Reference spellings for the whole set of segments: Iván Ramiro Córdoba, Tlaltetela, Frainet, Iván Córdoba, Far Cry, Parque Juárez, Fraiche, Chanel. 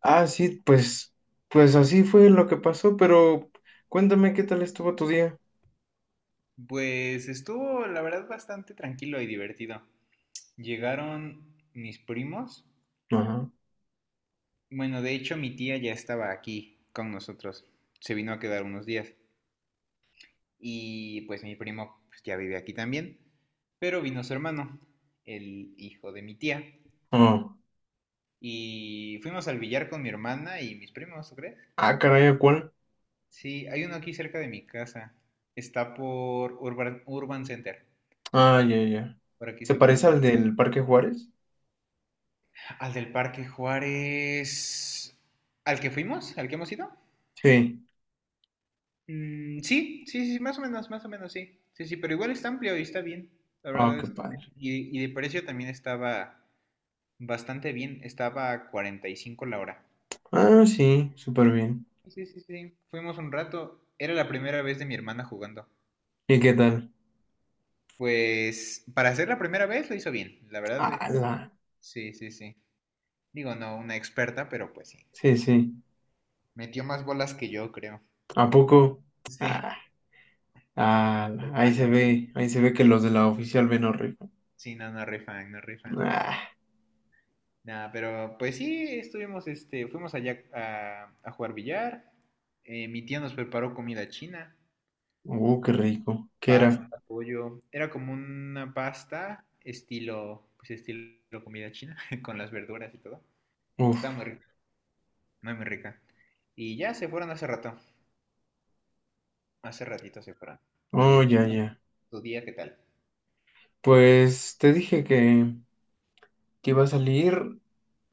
Ah, sí, pues, pues así fue lo que pasó, pero cuéntame qué tal estuvo tu día. Pues estuvo, la verdad, bastante tranquilo y divertido. Llegaron mis primos. Ajá. Bueno, de hecho, mi tía ya estaba aquí con nosotros. Se vino a quedar unos días. Y pues mi primo pues, ya vive aquí también. Pero vino su hermano, el hijo de mi tía. Oh. Y fuimos al billar con mi hermana y mis primos, ¿tú crees? Ah, caray, ¿a ¿cuál? Sí, hay uno aquí cerca de mi casa. Está por Urban Center, Ah, ya, ya. por aquí ¿Se cerquita. parece al del Parque Juárez? Al del Parque Juárez. ¿Al que fuimos? ¿Al que hemos ido? Sí. Mm, sí, sí, sí, más o menos, sí. Sí, sí, pero igual está amplio y está bien. La Ah, verdad qué es que bien. padre. Y de precio también estaba bastante bien. Estaba a 45 la hora. Ah, sí, súper bien. Sí, sí, sí. Fuimos un rato. Era la primera vez de mi hermana jugando. ¿Y qué tal? Pues para ser la primera vez lo hizo bien. La verdad lo hizo muy Ala. bien. Sí, sí, sí. Digo, no una experta, pero pues sí. Sí, sí. Metió más bolas que yo, creo. ¿A poco? Sí. Ah, ala. Soy malo. Ahí se ve que los de la oficial ven rico. Sí, no, no rifan, no rifan. Ah, Nada, pero pues sí, estuvimos, fuimos allá a jugar billar. Mi tía nos preparó comida china, qué rico. ¿Qué era? pasta, pollo. Era como una pasta estilo, pues estilo comida china, con las verduras y todo. Estaba Uf. muy rica, muy rica. Y ya se fueron hace rato, hace ratito se fueron. ¿Y Oh, el ya, tuyo? ya. ¿Tu día qué tal? Pues te dije que iba a salir.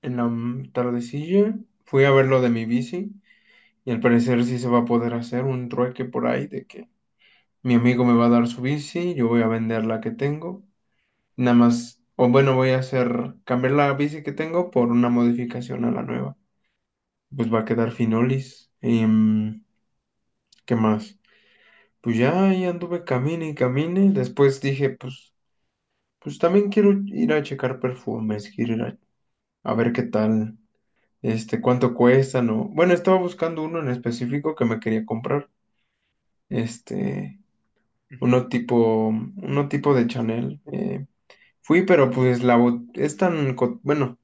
En la tardecilla fui a ver lo de mi bici y al parecer sí se va a poder hacer un trueque por ahí de que mi amigo me va a dar su bici, yo voy a vender la que tengo, nada más, o bueno, voy a hacer cambiar la bici que tengo por una modificación a la nueva. Pues va a quedar finolis. ¿Qué más? Pues ya ahí anduve camine y camine, después dije, pues, pues también quiero ir a checar perfumes, quiero ir a ver qué tal. Este, cuánto cuestan o... Bueno, estaba buscando uno en específico que me quería comprar, este, Ujú. Uno tipo de Chanel. Fui, pero pues la es tan, bueno,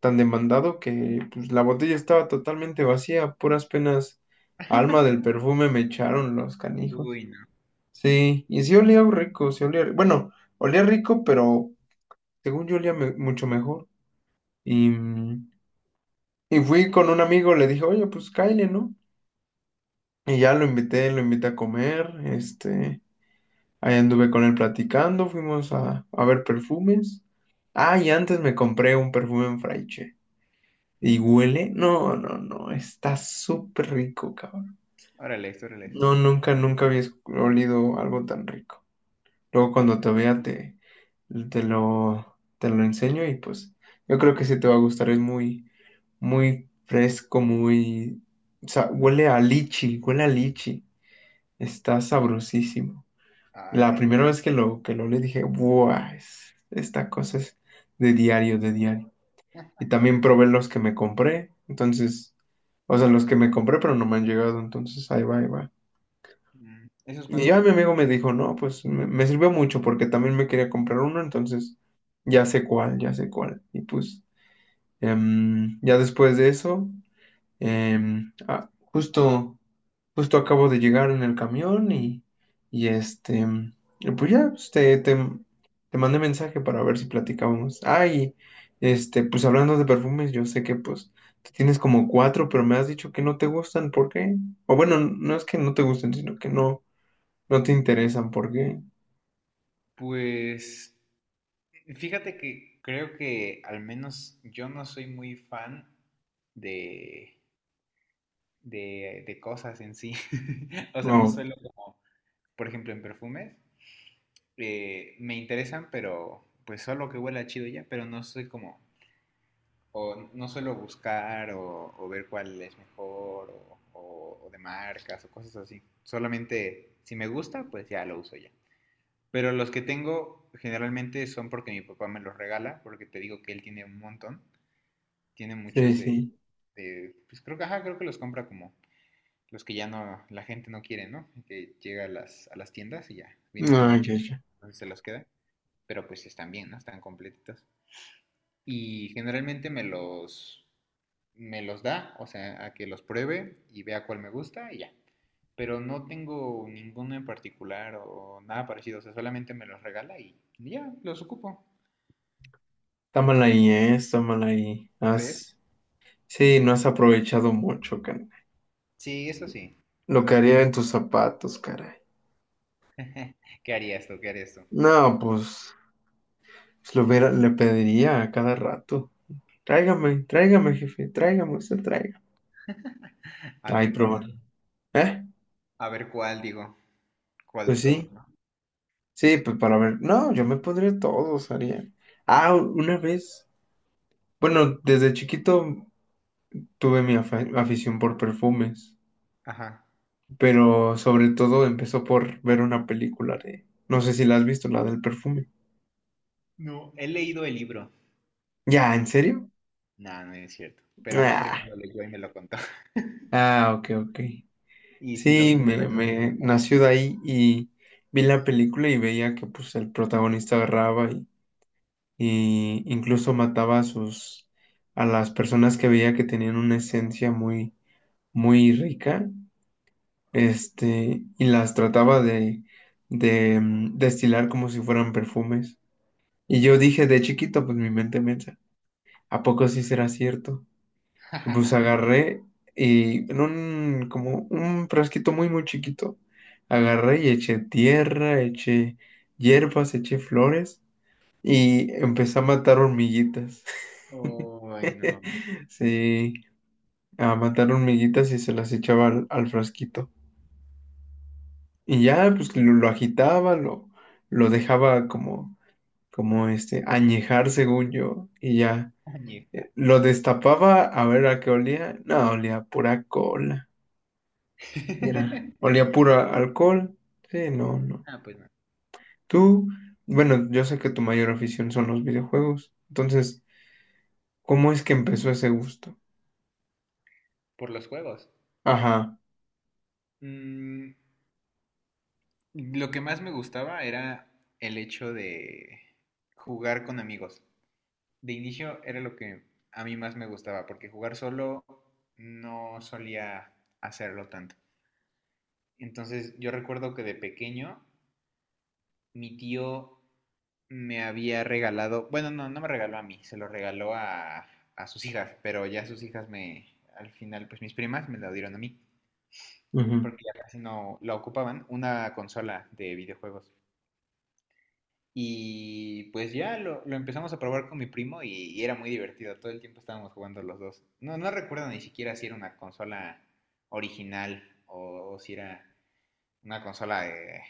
tan demandado que pues la botella estaba totalmente vacía, puras penas alma del perfume me echaron los canijos. Uy, no. Sí, y sí olía rico, sí olía, bueno, olía rico, pero según yo olía mucho mejor. Y y fui con un amigo, le dije, oye, pues cáile, ¿no? Y ya lo invité a comer, este, ahí anduve con él platicando, fuimos a ver perfumes. Ah, y antes me compré un perfume en Fraiche. ¿Y huele? No, no, no, está súper rico, cabrón. Órale, órale. No, nunca, nunca había olido algo tan rico. Luego cuando te vea te lo enseño y pues yo creo que sí te va a gustar, es muy, muy fresco, muy... O sea, huele a lichi, está sabrosísimo. Ah, La qué rico. primera vez que que lo leí dije, ¡buah! Esta cosa es de diario, de diario. Y Ah, también probé los que me compré, entonces, o sea, los que me compré, pero no me han llegado, entonces ahí va, ahí va. ¿Esos Y cuántos te ya mi llevan? amigo me dijo, no, pues me sirvió mucho porque también me quería comprar uno, entonces ya sé cuál, ya sé cuál. Y pues ya después de eso. Justo, justo acabo de llegar en el camión y este, y pues ya, pues, te mandé mensaje para ver si platicábamos. Ay, este, pues hablando de perfumes, yo sé que pues tú tienes como cuatro, pero me has dicho que no te gustan, ¿por qué? O bueno, no es que no te gusten, sino que no, no te interesan, ¿por qué? Pues fíjate que creo que al menos yo no soy muy fan de, de cosas en sí. O sea, no Oh, suelo como, por ejemplo, en perfumes. Me interesan, pero pues solo que huela chido ya, pero no soy como, o no suelo buscar o ver cuál es mejor o, o de marcas o cosas así. Solamente si me gusta, pues ya lo uso ya. Pero los que tengo generalmente son porque mi papá me los regala, porque te digo que él tiene un montón. Tiene muchos sí, de, sí. de, pues creo que, ajá, creo que los compra como los que ya no, la gente no quiere, ¿no? Que llega a a las tiendas y ya, vienen como Ay, de, ya, ya. entonces se los queda, pero pues están bien, ¿no? Están completitos. Y generalmente me los da, o sea, a que los pruebe y vea cuál me gusta y ya. Pero no tengo ninguno en particular o nada parecido, o sea, solamente me los regala y ya, los ocupo. Está mal ahí, ¿eh? Está mal ahí. ¿Crees? Has, sí, no has aprovechado mucho. Sí, eso sí, Lo eso que sí. haría en tus zapatos, caray. ¿Qué harías tú? ¿Qué harías tú? No, pues, pues lo le pediría a cada rato. Tráigame, tráigame, jefe, tráigame, usted traiga. A Ahí ver, probaría. ¿Eh? a ver cuál digo, cuál de Pues todos, sí, ¿no? sí, pues para ver. No, yo me pondría todos, haría. Ah, una vez. Bueno, desde chiquito tuve mi afición por perfumes, Ajá. pero sobre todo empezó por ver una película de... No sé si la has visto, la del perfume. No, he leído el libro. ¿Ya, en serio? No, no es cierto. Pero una Ah, prima lo leyó y me lo contó. ah, ok, ok. Y sí, lo vi Sí, en un resumen. me nació de ahí y vi la película y veía que pues el protagonista agarraba y incluso mataba a sus a las personas que veía que tenían una esencia muy muy rica, este, y las trataba de destilar como si fueran perfumes. Y yo dije de chiquito, pues mi mente piensa, ¿a poco sí será cierto? Pues agarré y en como un frasquito muy, muy chiquito, agarré y eché tierra, eché hierbas, eché flores y empecé a matar hormiguitas. Ay, no. Sí, a matar hormiguitas y se las echaba al frasquito. Y ya, pues lo agitaba, lo dejaba como, como este, añejar según yo. Y ya, Añeja. Lo destapaba a ver a qué olía. No, olía a pura cola. Mira, olía puro a alcohol. Sí, no, no. Ah, pues no. Tú, bueno, yo sé que tu mayor afición son los videojuegos. Entonces, ¿cómo es que empezó ese gusto? Por los juegos. Ajá. Mm, lo que más me gustaba era el hecho de jugar con amigos. De inicio era lo que a mí más me gustaba, porque jugar solo no solía hacerlo tanto. Entonces yo recuerdo que de pequeño mi tío me había regalado, bueno, no, no me regaló a mí, se lo regaló a sus hijas, pero ya sus hijas me, al final, pues mis primas me la dieron a mí, Ujú. porque ya casi no la ocupaban, una consola de videojuegos. Y pues ya lo empezamos a probar con mi primo y era muy divertido, todo el tiempo estábamos jugando los dos. No, no recuerdo ni siquiera si era una consola original o si era una consola de,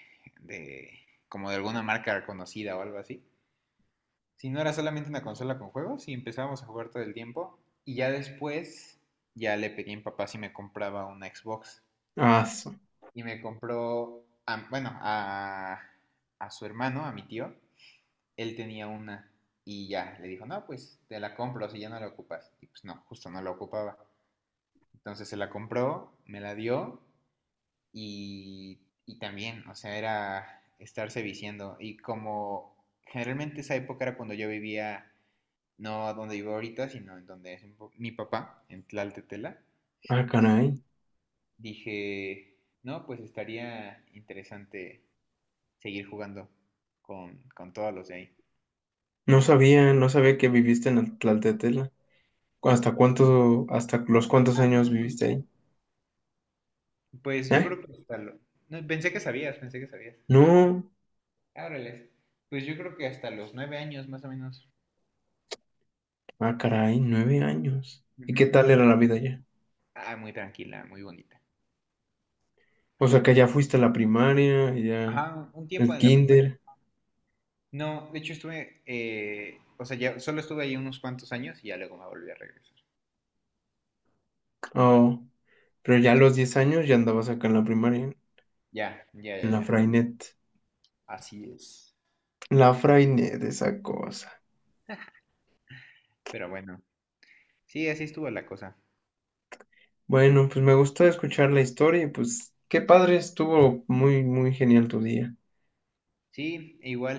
de como de alguna marca reconocida o algo así. Si no era solamente una consola con juegos y empezábamos a jugar todo el tiempo. Y ya después, ya le pedí a mi papá si me compraba una Xbox. Ah, Y me compró, bueno, a su hermano, a mi tío. Él tenía una. Y ya, le dijo, no, pues te la compro si ya no la ocupas. Y pues no, justo no la ocupaba. Entonces se la compró, me la dio y, y también, o sea, era estarse viciando. Y como generalmente esa época era cuando yo vivía no donde vivo ahorita, sino en donde es mi papá, en Tlaltetela, ah, caray. dije, no, pues estaría interesante seguir jugando con todos los de ahí. No sabía, no sabía que viviste en Tlaltetela. ¿Hasta cuánto, hasta los cuántos Ah, ¿no años me viviste subiste? ahí? Pues yo ¿Eh? creo que hasta lo... No, pensé que sabías, pensé que sabías. No. Ábreles. Pues yo creo que hasta los 9 años más o menos. Ah, caray, 9 años. ¿Y qué tal era Mm, la vida allá? ah, muy tranquila, muy bonita. O sea, que ya fuiste a la primaria, ya Ajá, un tiempo el en la primaria. kinder. No, de hecho estuve, o sea, ya solo estuve ahí unos cuantos años y ya luego me volví a regresar. Oh. Pero ya a los 10 años ya andabas acá en la primaria, Ya, ya, en ya, la ya. Frainet. Así es. La Frainet, esa cosa. Pero bueno, sí, así estuvo la cosa. Bueno, pues me gustó escuchar la historia y pues qué padre, estuvo muy, muy genial tu día. Sí, e igual,